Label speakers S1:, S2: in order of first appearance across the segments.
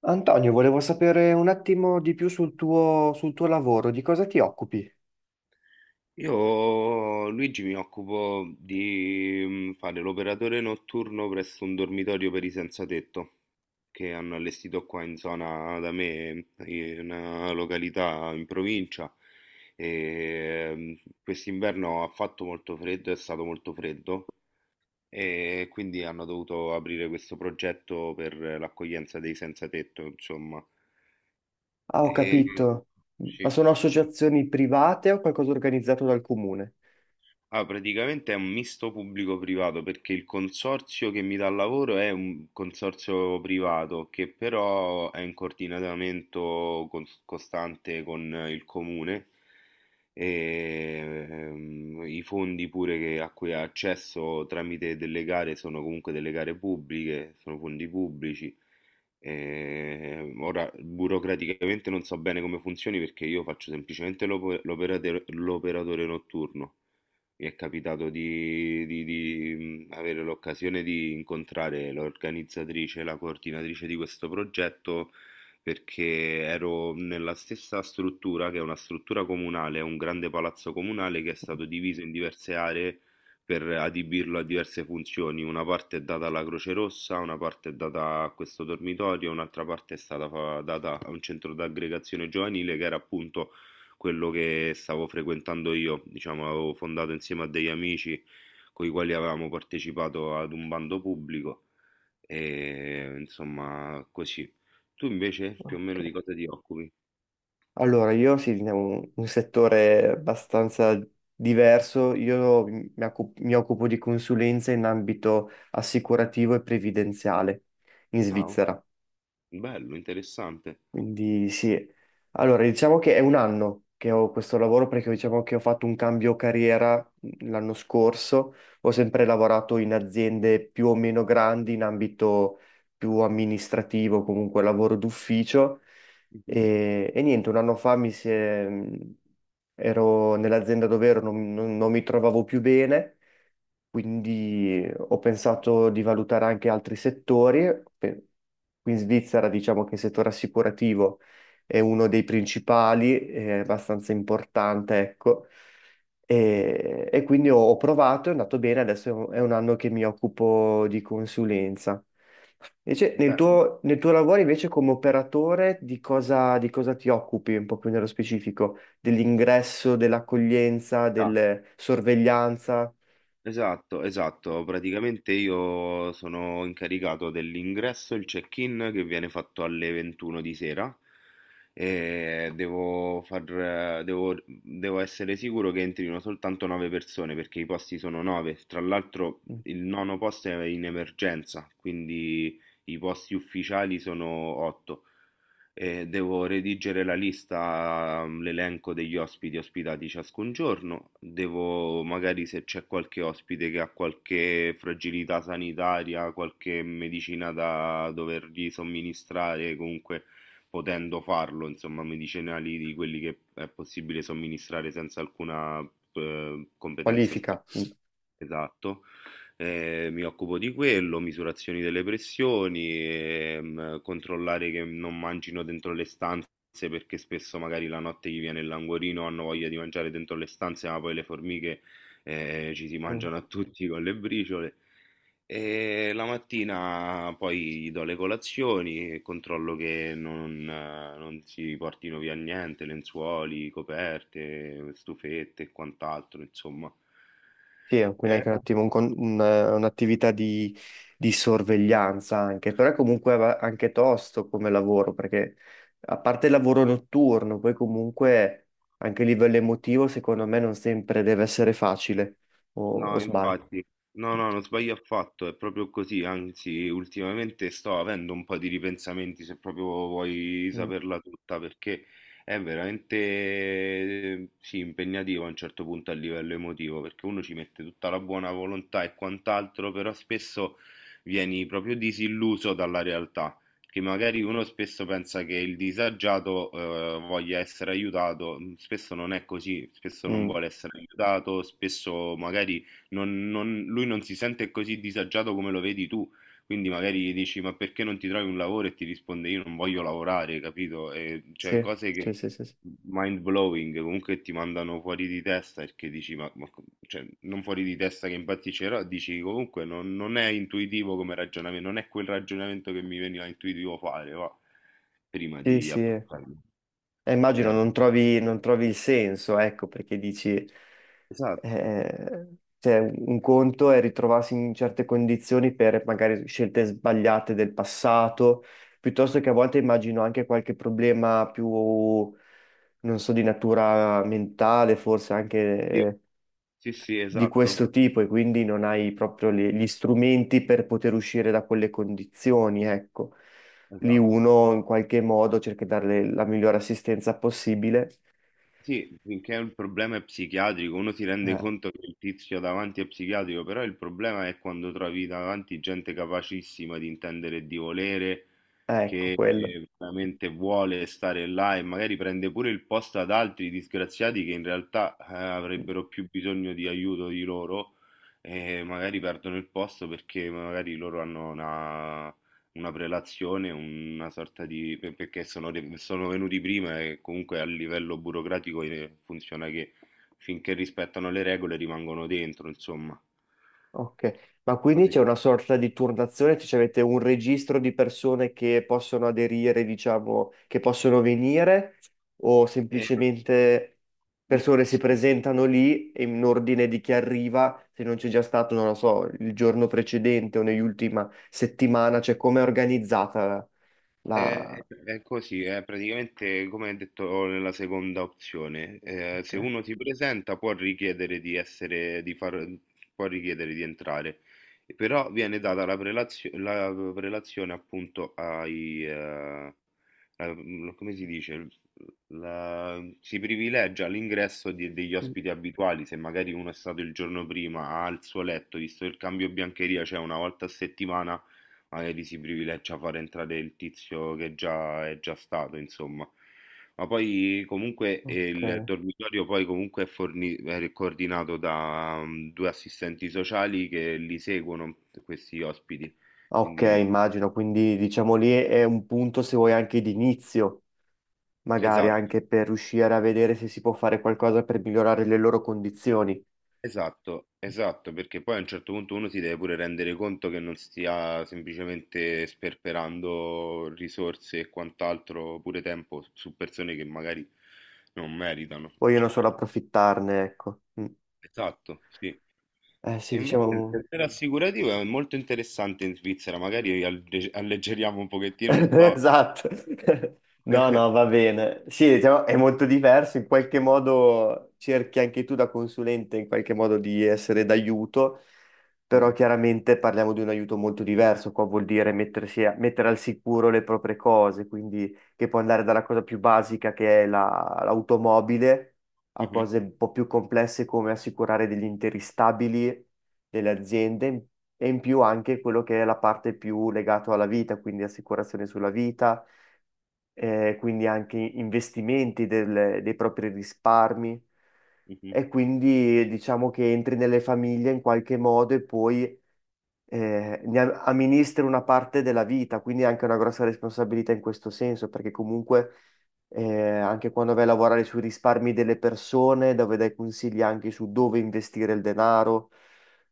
S1: Antonio, volevo sapere un attimo di più sul tuo lavoro, di cosa ti occupi?
S2: Io, Luigi, mi occupo di fare l'operatore notturno presso un dormitorio per i senza tetto che hanno allestito qua in zona da me, in una località in provincia. E mm, Quest'inverno ha fatto molto freddo, è stato molto freddo e quindi hanno dovuto aprire questo progetto per l'accoglienza dei senza tetto, insomma.
S1: Ah, ho
S2: E, mm,
S1: capito. Ma
S2: sì.
S1: sono associazioni private o qualcosa organizzato dal comune?
S2: Ah, praticamente è un misto pubblico-privato perché il consorzio che mi dà il lavoro è un consorzio privato che però è in coordinamento costante con il comune e i fondi pure a cui ha accesso tramite delle gare sono comunque delle gare pubbliche, sono fondi pubblici. Ora, burocraticamente non so bene come funzioni perché io faccio semplicemente l'operatore notturno. Mi è capitato di avere l'occasione di incontrare l'organizzatrice, la coordinatrice di questo progetto, perché ero nella stessa struttura, che è una struttura comunale, è un grande palazzo comunale che è stato diviso in diverse aree per adibirlo a diverse funzioni. Una parte è data alla Croce Rossa, una parte è data a questo dormitorio, un'altra parte è stata data a un centro d'aggregazione giovanile che era appunto quello che stavo frequentando io, diciamo, avevo fondato insieme a degli amici con i quali avevamo partecipato ad un bando pubblico e insomma così. Tu invece più o
S1: Ok.
S2: meno di cosa ti occupi?
S1: Allora, io sì, in un settore abbastanza diverso. Mi occupo di consulenza in ambito assicurativo e previdenziale in
S2: Ah,
S1: Svizzera.
S2: bello, interessante.
S1: Quindi sì, allora diciamo che è un anno che ho questo lavoro, perché diciamo che ho fatto un cambio carriera l'anno scorso. Ho sempre lavorato in aziende più o meno grandi in ambito più amministrativo, comunque lavoro d'ufficio
S2: Mhm,
S1: e niente, un anno fa mi si è- mhmm, ero nell'azienda dove ero, non mi trovavo più bene, quindi ho pensato di valutare anche altri settori. Pe- Qui in Svizzera diciamo che il settore assicurativo è uno dei principali, è abbastanza importante, ecco.
S2: mhm.
S1: E quindi ho, ho provato, è andato bene, adesso è un anno che mi occupo di consulenza. Invece,
S2: Bello.
S1: nel tuo lavoro invece come operatore di cosa ti occupi un po' più nello specifico? Dell'ingresso, dell'accoglienza, del sorveglianza?
S2: Esatto, esatto. Praticamente io sono incaricato dell'ingresso, il check-in che viene fatto alle 21 di sera e devo essere sicuro che entrino soltanto 9 persone perché i posti sono 9. Tra l'altro il nono posto è in emergenza, quindi i posti ufficiali sono 8. Devo redigere la lista, l'elenco degli ospiti ospitati ciascun giorno, devo magari se c'è qualche ospite che ha qualche fragilità sanitaria, qualche medicina da dovergli somministrare, comunque potendo farlo, insomma, medicinali di quelli che è possibile somministrare senza alcuna competenza
S1: Qualifica.
S2: specifica. Esatto. Mi occupo di quello, misurazioni delle pressioni, controllare che non mangino dentro le stanze perché spesso magari la notte gli viene il languorino, hanno voglia di mangiare dentro le stanze, ma poi le formiche ci si
S1: Mm.
S2: mangiano a tutti con le briciole. E la mattina poi gli do le colazioni e controllo che non si portino via niente, lenzuoli, coperte, stufette e quant'altro, insomma.
S1: Sì, è quindi
S2: Eh,
S1: anche un attimo un'attività di sorveglianza anche, però è anche tosto come lavoro, perché a parte il lavoro notturno, poi comunque anche a livello emotivo, secondo me non sempre deve essere facile, o
S2: No,
S1: sbaglio.
S2: infatti, no, no, non sbaglio affatto, è proprio così, anzi, ultimamente sto avendo un po' di ripensamenti, se proprio vuoi
S1: Mm,
S2: saperla tutta, perché è veramente, sì, impegnativo a un certo punto a livello emotivo, perché uno ci mette tutta la buona volontà e quant'altro, però spesso vieni proprio disilluso dalla realtà, che magari uno spesso pensa che il disagiato, voglia essere aiutato, spesso non è così, spesso non
S1: mm,
S2: vuole essere aiutato, spesso magari lui non si sente così disagiato come lo vedi tu. Quindi magari gli dici, ma perché non ti trovi un lavoro? E ti risponde, io non voglio lavorare, capito? E, cioè,
S1: sì,
S2: cose che
S1: sì, sì, sì. Sì,
S2: mind blowing, comunque ti mandano fuori di testa perché dici, cioè, non fuori di testa che impazzirò, dici comunque non è intuitivo come ragionamento, non è quel ragionamento che mi veniva intuitivo fare, va, prima
S1: sì. Sì.
S2: di
S1: Sì.
S2: approcciarmi.
S1: Immagino non
S2: Realmente.
S1: trovi, non trovi il senso, ecco, perché dici,
S2: Esatto.
S1: eh, cioè, un conto è ritrovarsi in certe condizioni per magari scelte sbagliate del passato, piuttosto che a volte immagino anche qualche problema più, non so, di natura mentale, forse anche
S2: Sì,
S1: eh,
S2: sì, sì,
S1: di
S2: esatto,
S1: questo tipo, e quindi non hai proprio gli strumenti per poter uscire da quelle condizioni, ecco. Lì
S2: esatto.
S1: uno in qualche modo cerca di darle la migliore assistenza possibile.
S2: Sì, finché il problema è psichiatrico, uno si rende
S1: Eh,
S2: conto che il tizio davanti è psichiatrico, però il problema è quando trovi davanti gente capacissima di intendere e di volere,
S1: ecco
S2: che
S1: quello.
S2: veramente vuole stare là e magari prende pure il posto ad altri disgraziati che in realtà avrebbero più bisogno di aiuto di loro e magari perdono il posto perché magari loro hanno una prelazione, una sorta di... perché sono, sono venuti prima e comunque a livello burocratico funziona che finché rispettano le regole rimangono dentro, insomma.
S1: Ok, ma quindi
S2: Cose-
S1: c'è una sorta di turnazione, cioè avete un registro di persone che possono aderire, diciamo, che possono venire, o
S2: Eh,
S1: semplicemente persone si
S2: sì.
S1: presentano lì e in ordine di chi arriva, se non c'è già stato, non lo so, il giorno precedente o nell'ultima settimana, cioè come è organizzata la...
S2: È così, è praticamente come detto nella seconda opzione.
S1: Ok,
S2: Se uno si presenta può richiedere di entrare, però viene data la prelazione appunto ai, la- come si dice, si privilegia l'ingresso degli ospiti abituali, se magari uno è stato il giorno prima al suo letto, visto che il cambio biancheria c'è una volta a settimana magari si privilegia a far entrare il tizio che già stato, insomma. Ma poi comunque
S1: ok.
S2: il dormitorio poi comunque è coordinato da due assistenti sociali che li seguono, questi ospiti.
S1: Ah, ok,
S2: Quindi
S1: immagino, quindi diciamo lì è un punto se vuoi anche di inizio, magari
S2: esatto,
S1: anche per riuscire a vedere se si può fare qualcosa per migliorare le loro condizioni.
S2: esatto, esatto, perché poi a un certo punto uno si deve pure rendere conto che non stia semplicemente sperperando risorse e quant'altro, pure tempo su persone che magari non meritano.
S1: Vogliono
S2: Cioè,
S1: solo approfittarne, ecco. Mm.
S2: esatto, sì.
S1: Eh sì,
S2: E invece il
S1: diciamo.
S2: settore assicurativo è molto interessante in Svizzera, magari alleggeriamo un pochettino il tono.
S1: Esatto. No, no, va bene. Sì, diciamo, è molto diverso, in qualche modo cerchi anche tu da consulente in qualche modo di essere d'aiuto, però
S2: Mm,
S1: chiaramente parliamo di un aiuto molto diverso, qua vuol dire mettere al sicuro le proprie cose, quindi che può andare dalla cosa più basica, che è l'automobile, a
S2: mhm,
S1: cose un po' più complesse, come assicurare degli interi stabili, delle aziende, e in più anche quello che è la parte più legata alla vita, quindi assicurazione sulla vita, quindi anche investimenti dei propri risparmi.
S2: mhm.
S1: E quindi diciamo che entri nelle famiglie in qualche modo, e poi amministri una parte della vita, quindi è anche una grossa responsabilità in questo senso, perché comunque eh, anche quando vai a lavorare sui risparmi delle persone, dove dai consigli anche su dove investire il denaro,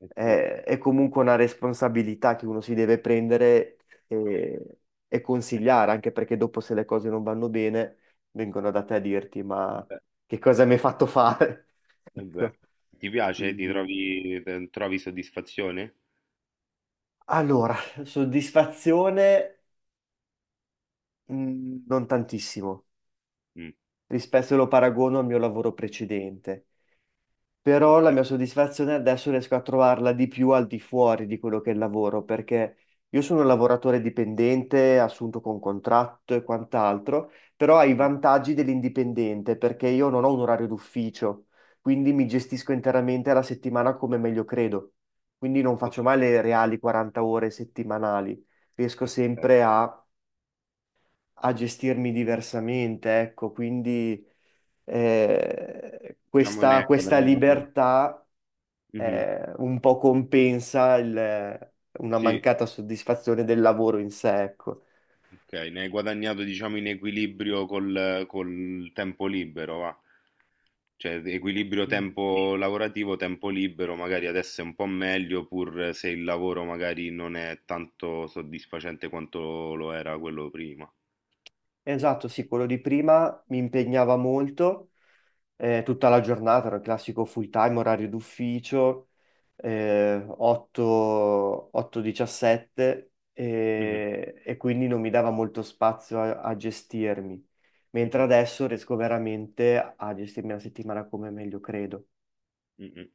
S2: Eh sì,
S1: è comunque una responsabilità che uno si deve prendere e, e
S2: eh
S1: consigliare,
S2: sì,
S1: anche perché dopo, se le cose non vanno bene, vengono da te a dirti, ma
S2: beh,
S1: che cosa mi hai fatto fare?
S2: eh beh.
S1: Ecco,
S2: Ti piace?
S1: quindi...
S2: Trovi soddisfazione?
S1: Allora, soddisfazione. Mm, non tantissimo,
S2: Mm,
S1: rispetto se lo paragono al mio lavoro precedente, però la
S2: ok.
S1: mia soddisfazione adesso riesco a trovarla di più al di fuori di quello che è il lavoro, perché io sono un lavoratore dipendente, assunto con contratto e quant'altro, però ha i
S2: Mhm,
S1: vantaggi dell'indipendente, perché io non ho un orario d'ufficio, quindi mi gestisco interamente la settimana come meglio credo, quindi non
S2: ok.
S1: faccio mai le reali 40 ore settimanali, riesco
S2: Ok.
S1: sempre a a gestirmi diversamente, ecco, quindi
S2: Diciamo ne hai
S1: questa
S2: guadagnato.
S1: libertà
S2: Mhm.
S1: un po' compensa una
S2: Sì,
S1: mancata soddisfazione del lavoro in sé, ecco.
S2: ok, ne hai guadagnato diciamo in equilibrio col, col tempo libero, va. Cioè, equilibrio
S1: Sì.
S2: tempo lavorativo, tempo libero, magari adesso è un po' meglio, pur se il lavoro magari non è tanto soddisfacente quanto lo era quello prima.
S1: Esatto, sì, quello di prima mi impegnava molto, tutta la giornata, era il classico full time, orario d'ufficio, 8, 8-17,
S2: Mhm,
S1: e quindi non mi dava molto spazio a, a gestirmi, mentre
S2: mhm,
S1: adesso riesco veramente a gestirmi la settimana come meglio credo.
S2: mhm.